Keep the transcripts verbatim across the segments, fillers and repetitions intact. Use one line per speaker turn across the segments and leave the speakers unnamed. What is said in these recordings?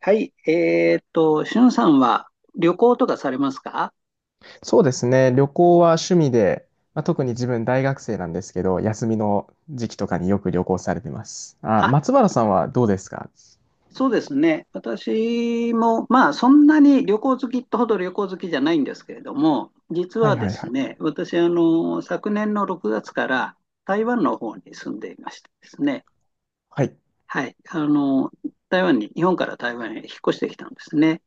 はい、えーっと、しゅんさんは旅行とかされますか？
そうですね。旅行は趣味で、まあ、特に自分大学生なんですけど、休みの時期とかによく旅行されてます。あ、
あ、
松原さんはどうですか？
そうですね。私も、まあ、そんなに旅行好きってほど旅行好きじゃないんですけれども、実
は
は
いは
で
いは
す
い。
ね、私、あの、昨年のろくがつから台湾の方に住んでいましてですね、
はい。
はい、あの、台湾に、日本から台湾へ引っ越してきたんですね。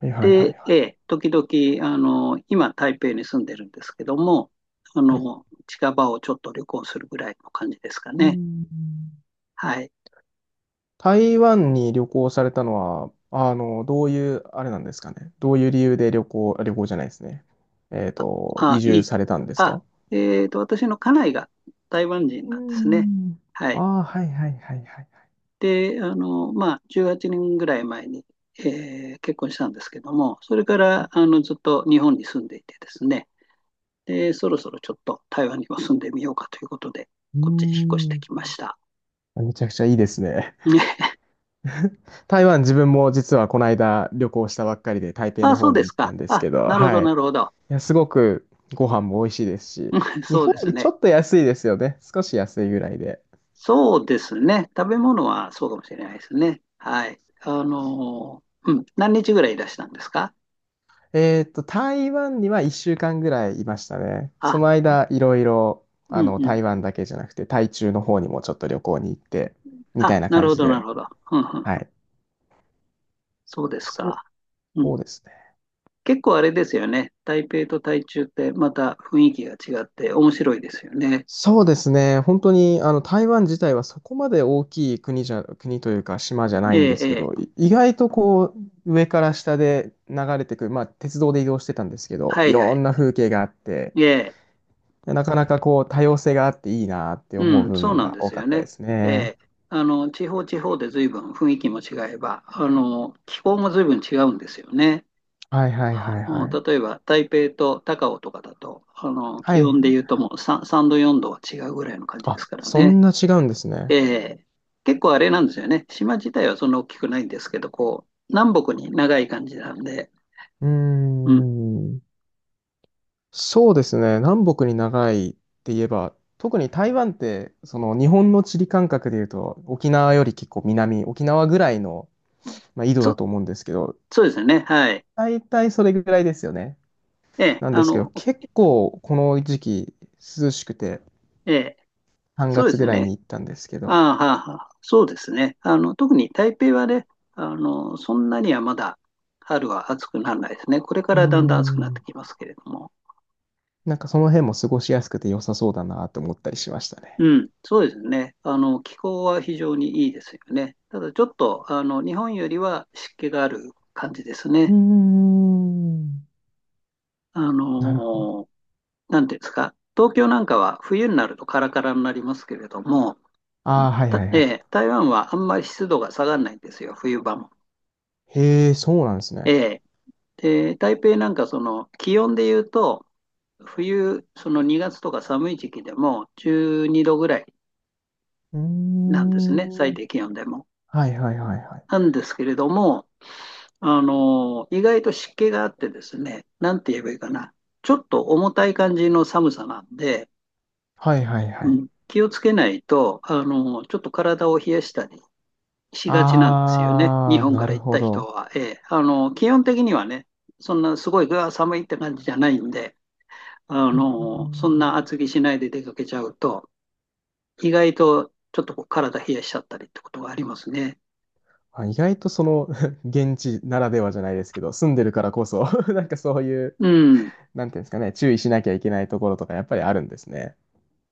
はいはいはいは
で、
い。
ええ、時々、あの、今、台北に住んでるんですけども、あ
はい。
の、近場をちょっと旅行するぐらいの感じですか
う
ね。
ん。
はい。
台湾に旅行されたのは、あの、どういう、あれなんですかね。どういう理由で旅行、旅行じゃないですね。えっと、
あ、
移
い
住
い。
されたんです
あ、
か？
えっと、私の家内が台湾人
う
なんですね。
ん。
はい。
ああー、はいはいはいはい。
で、あの、まあ、じゅうはちねんぐらい前に、えー結婚したんですけども、それから、あの、ずっと日本に住んでいてですね、で、そろそろちょっと台湾にも住んでみようかということで、
うー
こっちに引っ越して
ん。
きました。
めちゃくちゃいいですね。
ね。
台湾自分も実はこの間旅行したばっかりで台北
あ、
の
そう
方
で
に
す
行った
か。
んです
あ、
けど、
なるほ
は
ど、
い。い
なるほど。
や、すごくご飯も美味しいです し、
うん、
日
そう
本
で
よ
す
りちょ
ね。
っと安いですよね。少し安いぐらいで。
そうですね。食べ物はそうかもしれないですね。はい。あの、うん、何日ぐらいいらしたんですか？
えーっと、台湾にはいっしゅうかんぐらいいましたね。そ
あ、
の間、いろいろ、
う
あ
ん
の、
うん。
台湾だけじゃなくて、台中の方にもちょっと旅行に行って、みた
あ、
いな
なる
感
ほ
じ
ど、なる
で。
ほど。うんう
は
ん、
い。
そうです
そう、
か。うん。
そうですね。
結構あれですよね。台北と台中ってまた雰囲気が違って面白いですよね。
そうですね。本当に、あの、台湾自体はそこまで大きい国じゃ、国というか島じゃな
え
いんで
え、
す
え
け
え。
ど、い意外とこう、上から下で流れてくる、まあ、鉄道で移動してたんですけど、
は
い
いは
ろ
い。
んな風景があって、
ええ。
なかなかこう、多様性があっていいなって思う
うん、
部
そう
分
なん
が
で
多
す
か
よ
ったで
ね。
す
え
ね。
え。あの、地方地方で随分雰囲気も違えば、あの、気候も随分違うんですよね。
はいはいはいは
うん、
い。
例えば台北と高雄とかだと、あの、
は
気温で
い。
言うともう さん, さんどよんどは違うぐらいの感じで
あ、
すから
そ
ね。
んな違うんですね。
ええ、結構あれなんですよね。島自体はそんな大きくないんですけど、こう、南北に長い感じなんで、
うー
うん。
ん。そうですね。南北に長いって言えば、特に台湾って、その日本の地理感覚で言うと、沖縄より結構南、沖縄ぐらいの、まあ、緯度だ
そ、
と思うんですけど、
そうですね。はい。
大体それぐらいですよね。
ええ、
なん
あ
ですけど、
の、
結構この時期涼しくて、
ええ、
3
そうで
月ぐ
す
らい
ね。
に行ったんですけど、
ああ、はあはあ、そうですね。あの、特に台北はね、あの、そんなにはまだ春は暑くならないですね。これか
うー
らだんだん暑くなって
ん、
きますけれども。
なんかその辺も過ごしやすくて良さそうだなと思ったりしましたね。
うん、そうですね。あの、気候は非常にいいですよね。ただちょっと、あの、日本よりは湿気がある感じです
うー
ね。
ん。
あ
なるほど。
のなんていうんですか、東京なんかは冬になるとカラカラになりますけれども、
ああ、はい
た
はいはい。
えー台湾はあんまり湿度が下がらないんですよ、冬場も。
へえ、そうなんですね。
えーで、台北なんかその気温で言うと、冬、そのにがつとか寒い時期でもじゅうにどぐらい
うー
なんですね、最
ん。
低気温でも。
はいはいはいはい。
なんですけれども、あのー意外と湿気があってですね、なんて言えばいいかな、ちょっと重たい感じの寒さなんで、
はいはいは
う
い。
ん、気をつけないと、あのーちょっと体を冷やしたりしがちなんですよね、日
あー、
本か
な
ら
る
行っ
ほ
た人
ど。
は。えーあの基本的にはね、そんなすごい寒いって感じじゃないんで、あ
うんう
のそんな
ん。
厚着しないで出かけちゃうと、意外とちょっとこう体冷やしちゃったりってことがありますね。
あ、意外とその 現地ならではじゃないですけど、住んでるからこそ なんかそういう、
うん、
なんていうんですかね、注意しなきゃいけないところとかやっぱりあるんですね。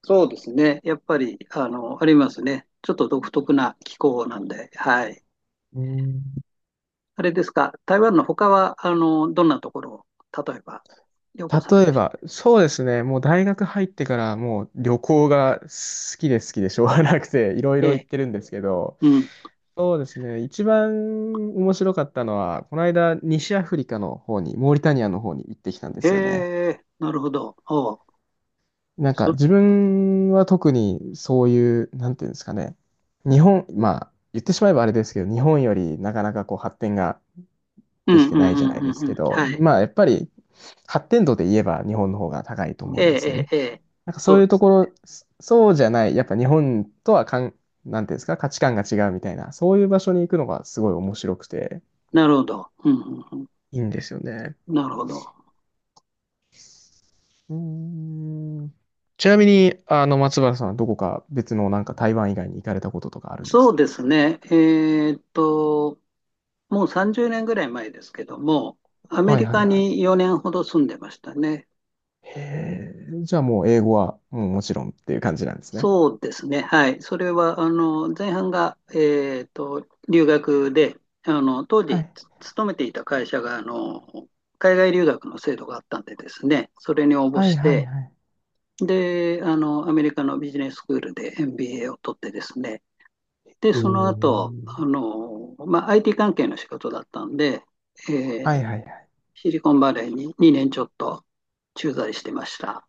そうですね、やっぱりあのありますね、ちょっと独特な気候なんで、はい。
うん。
あれですか、台湾の他はあのどんなところを、例えば旅行され
例
ま
え
した？
ば、そうですね、もう大学入ってからもう旅行が好きで好きでしょうが なくて、いろい
え
ろ行っ
え、
てるんですけど、
うん、
そうですね、一番面白かったのは、この間西アフリカの方に、モーリタニアの方に行ってきたんで
へ
すよね。
え、なるほど。おう
なんか
そ
自分は特にそういう、なんていうんですかね、日本、まあ言ってしまえばあれですけど、日本よりなかなかこう発展が
う
でき
んうん
て
う
ないじゃ
ん
ない
う
で
ん
す
う
け
ん。
ど、
はい。
まあやっぱり発展度で言えば日本の方が高いと思
え
うんですよ
え、
ね。
ええ、ええ。
なんかそ
そ
う
う
いう
で
と
す。
ころ、そそうじゃない、やっぱ日本とはかん、なんていうんですか、価値観が違うみたいな、そういう場所に行くのがすごい面白くて、
なるほど。うんうんう
いいんですよね。
ん。なるほど。
うーん。ちなみに、あの、松原さんはどこか別のなんか台湾以外に行かれたこととかあるんです
そう
か？
ですね。えーっと、もうさんじゅうねんぐらい前ですけども、アメ
はい
リ
はい
カ
はい。
によねんほど住んでましたね。
へえ、じゃあもう英語はもうもちろんっていう感じなんですね。
そうですね。はい。それは、あの、前半が、えーっと、留学で、あの、当
は
時、
い。
つ勤めていた会社が、あの、海外留学の制度があったんでですね、それに応募
はい
し
はい
て、
はい。
で、あの、アメリカのビジネススクールで エムビーエー を取ってですね、で、
え
その後、あ
ー
の、まあ、アイティー 関係の仕事だったんで、
は
えー
いはいはい。
シリコンバレーににねんちょっと駐在してました。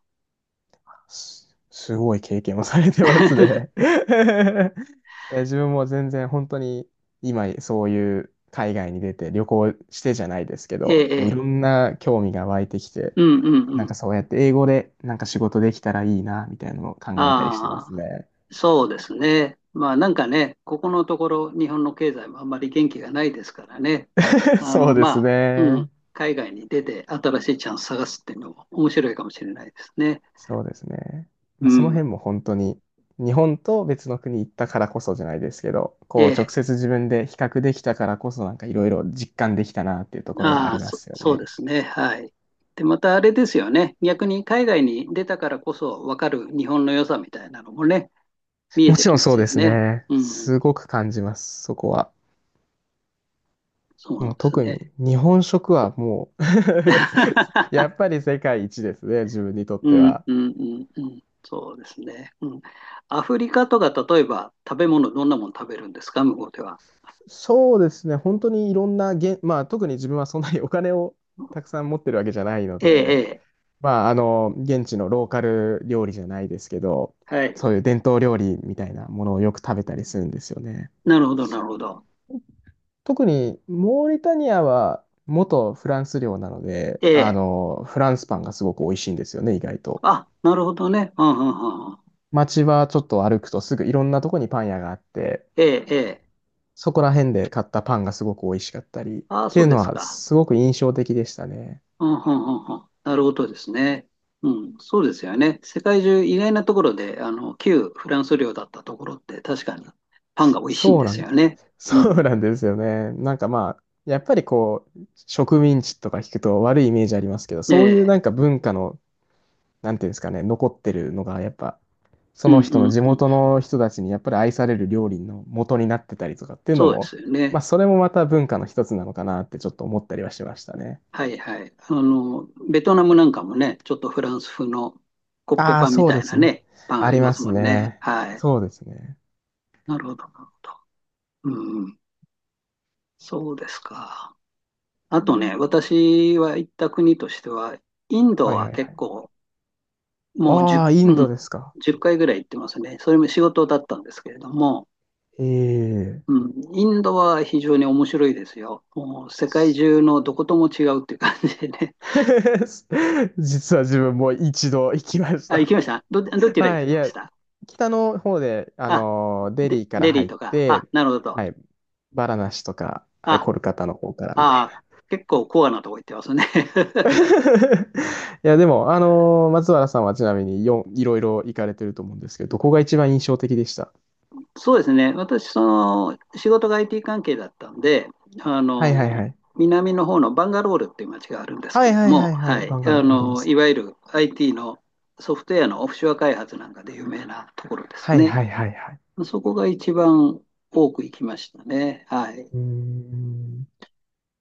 す、すごい経験をされてます ね。いや、自分も全然本当に今そういう海外に出て旅行してじゃないですけ
え
ど、
え、
もうい
ええ、
ろんな興味が湧いてきて、
うんうん
なん
う
か
ん。
そうやって英語でなんか仕事できたらいいな、みたいなのを考えたりしてま
あ
す
あ、
ね。
そうですね。まあなんかね、ここのところ日本の経済もあんまり元気がないですからね。あ
そう
の、
で
ま
す
あ、うん、
ね。
海外に出て新しいチャンス探すっていうのも面白いかもしれないですね。
そうですね。ま
う
あ、その
ん。
辺も本当に日本と別の国行ったからこそじゃないですけど、こう
え
直
え、
接自分で比較できたからこそなんかいろいろ実感できたなっていうところはあ
ああ、
りま
そ、
すよ
そうで
ね。
すね。はい。で、またあれですよね。逆に海外に出たからこそ分かる日本の良さみたいなのもね、見え
も
て
ちろ
き
ん
ま
そう
す
で
よ
す
ね。
ね。
うん、
すごく感じます、そこは。
そうなん
もう
です
特
ね。
に日本食はもう や っぱり世界一ですね、自分にとっ
う
て
ん、
は。
うん、うん、うん。そうですね。うん。アフリカとか、例えば食べ物、どんなもの食べるんですか、向こうでは？
そうですね、本当にいろんなげ、まあ特に自分はそんなに お金をたくさん持ってるわけじゃないの
え
で、
え、
まああの、現地のローカル料理じゃないですけど、
ええ。はい。
そういう伝統料理みたいなものをよく食べたりするんですよね。
なるほど、なるほど。
特にモーリタニアは元フランス領なので、
え
あ
え。
の、フランスパンがすごく美味しいんですよね、意外と。
あ、なるほどね。うん、うん、うんうん。
街はちょっと歩くとすぐいろんなとこにパン屋があって、
ええ、ええ。
そこら辺で買ったパンがすごく美味しかったり、っ
ああ、
て
そ
い
う
う
で
の
す
は
か。
すごく印象的でしたね。
あはんはんはん、なるほどですね。うん、そうですよね。世界中意外なところで、あの、旧フランス領だったところって確かにパンが美味しいん
そ
で
うな
す
ん
よ
です。
ね。う
そ
ん。
うなんですよね。なんかまあ、やっぱりこう、植民地とか聞くと悪いイメージありますけど、そう
で、
いうなんか文化のなんていうんですかね、残ってるのが、やっぱ、そ
うん
の人
う
の
ん
地
うん。
元の人たちにやっぱり愛される料理の元になってたりとかっていうの
そうで
も、
すよ
ま
ね。
あ、それもまた文化の一つなのかなってちょっと思ったりはしましたね。
はいはい。あの、ベトナムなんかもね、ちょっとフランス風のコッペ
ああ、
パンみ
そう
た
で
いな
すね。
ね、パンあ
あ
り
り
ま
ま
す
す
もんね。
ね。
はい。
そうですね。
なるほど、なるほど。うんうん。そうですか。あ
う
とね、
ん。
私は行った国としては、インド
はい
は
はいは
結
い。
構もう
ああ、イ
じゅう、
ン
うん、
ドですか。
いっかいぐらい行ってますね。それも仕事だったんですけれども、
ええ。
うん、インドは非常に面白いですよ。もう世界中のどことも違うっていう感じでね。
実は自分も一度行きまし
あ、行
た。
きました、ど、ど ちら行
は
か
い、い
れまし
や、
た？
北の方で、あ
あ、
のーデ
で、
リーから
デリー
入っ
とか、あ、
て、
なるほど。
はい、バラナシとか、はい
あ、
コルカタの方からみたい
あ、
な。
結構コアなとこ行ってますね。
いや、でも、あのー松原さんはちなみによん、いろいろ行かれてると思うんですけど、どこが一番印象的でした？
そうですね、私、その仕事が アイティー 関係だったんで、あ
はいはいは
の
い。
南の方のバンガロールっていう街があるんです
は
け
い
ど
はい
も、
はいは
は
い、
い、
バンガ
あ
ローがありま
の
す
い
ね。
わゆる アイティー のソフトウェアのオフショア開発なんかで有名なところです
はい
ね。
はいはいはい。
そこが一番多く行きましたね。はい、
うーん。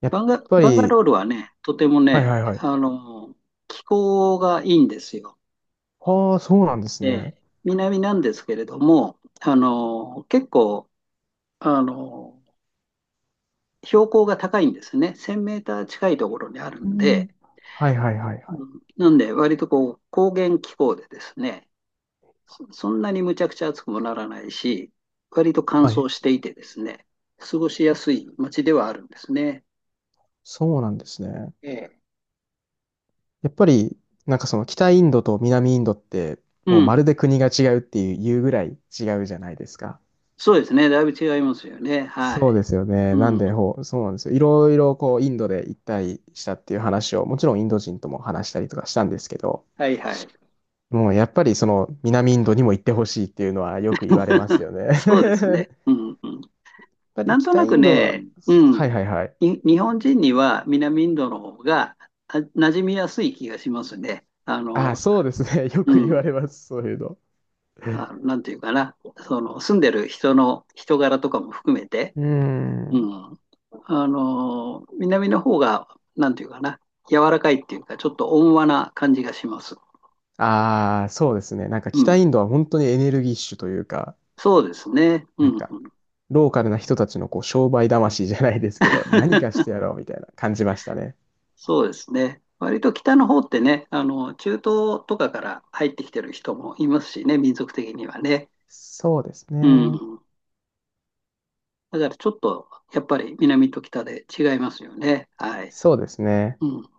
やっ
バンガ
ぱ
バンガ
り、
ロールはね、とても
はい
ね、
はいはい。
あの気候がいいんですよ。
ああ、そうなんです
え
ね。
え、南なんですけれども、あの結構あの標高が高いんですね。せんメーター近いところにある
う
ん
ん。
で、
はいはいはい
う
はい。
ん、なんで割とこう高原気候でですね、そそんなにむちゃくちゃ暑くもならないし、割と乾
はい、
燥していてですね、過ごしやすい街ではあるんですね。
そうなんですね。
ええ。
やっぱり、なんかその北インドと南インドって、
う
もうま
ん、
るで国が違うっていう、言うぐらい違うじゃないですか。
そうですね。だいぶ違いますよね。は
そ
い。
うですよね。なん
うん、
で、ほう、そうなんですよ。いろいろこう、インドで一体したっていう話を、もちろんインド人とも話したりとかしたんですけど、
はいはい。
もうやっぱりその南インドにも行ってほしいっていうのはよく言われます よね。や
そうです
っ
ね。うんうん。
ぱり
なんと
北
な
イ
く
ンドは、
ね、う
は
ん、
いはいはい。
に日本人には南インドの方があ馴染みやすい気がしますね。あ
ああ、
の、
そうですね。よ
う
く言わ
ん。
れます、そういうの。
あ、なんていうかな。その、住んでる人の人柄とかも含めて、
う
う
ん。
ん。あの、南の方が、なんていうかな。柔らかいっていうか、ちょっと温和な感じがします。
ああ、そうですね。なんか
う
北
ん。
インドは本当にエネルギッシュというか、
そうですね。うん、
なん か
うん。
ローカルな人たちのこう商売魂じゃないですけど、何かしてやろうみたいな感じましたね。
そうですね。割と北の方ってね、あの、中東とかから入ってきてる人もいますしね、民族的にはね。
そうです
う
ね。
ん。だからちょっと、やっぱり南と北で違いますよね。はい。
そうですね。
うん。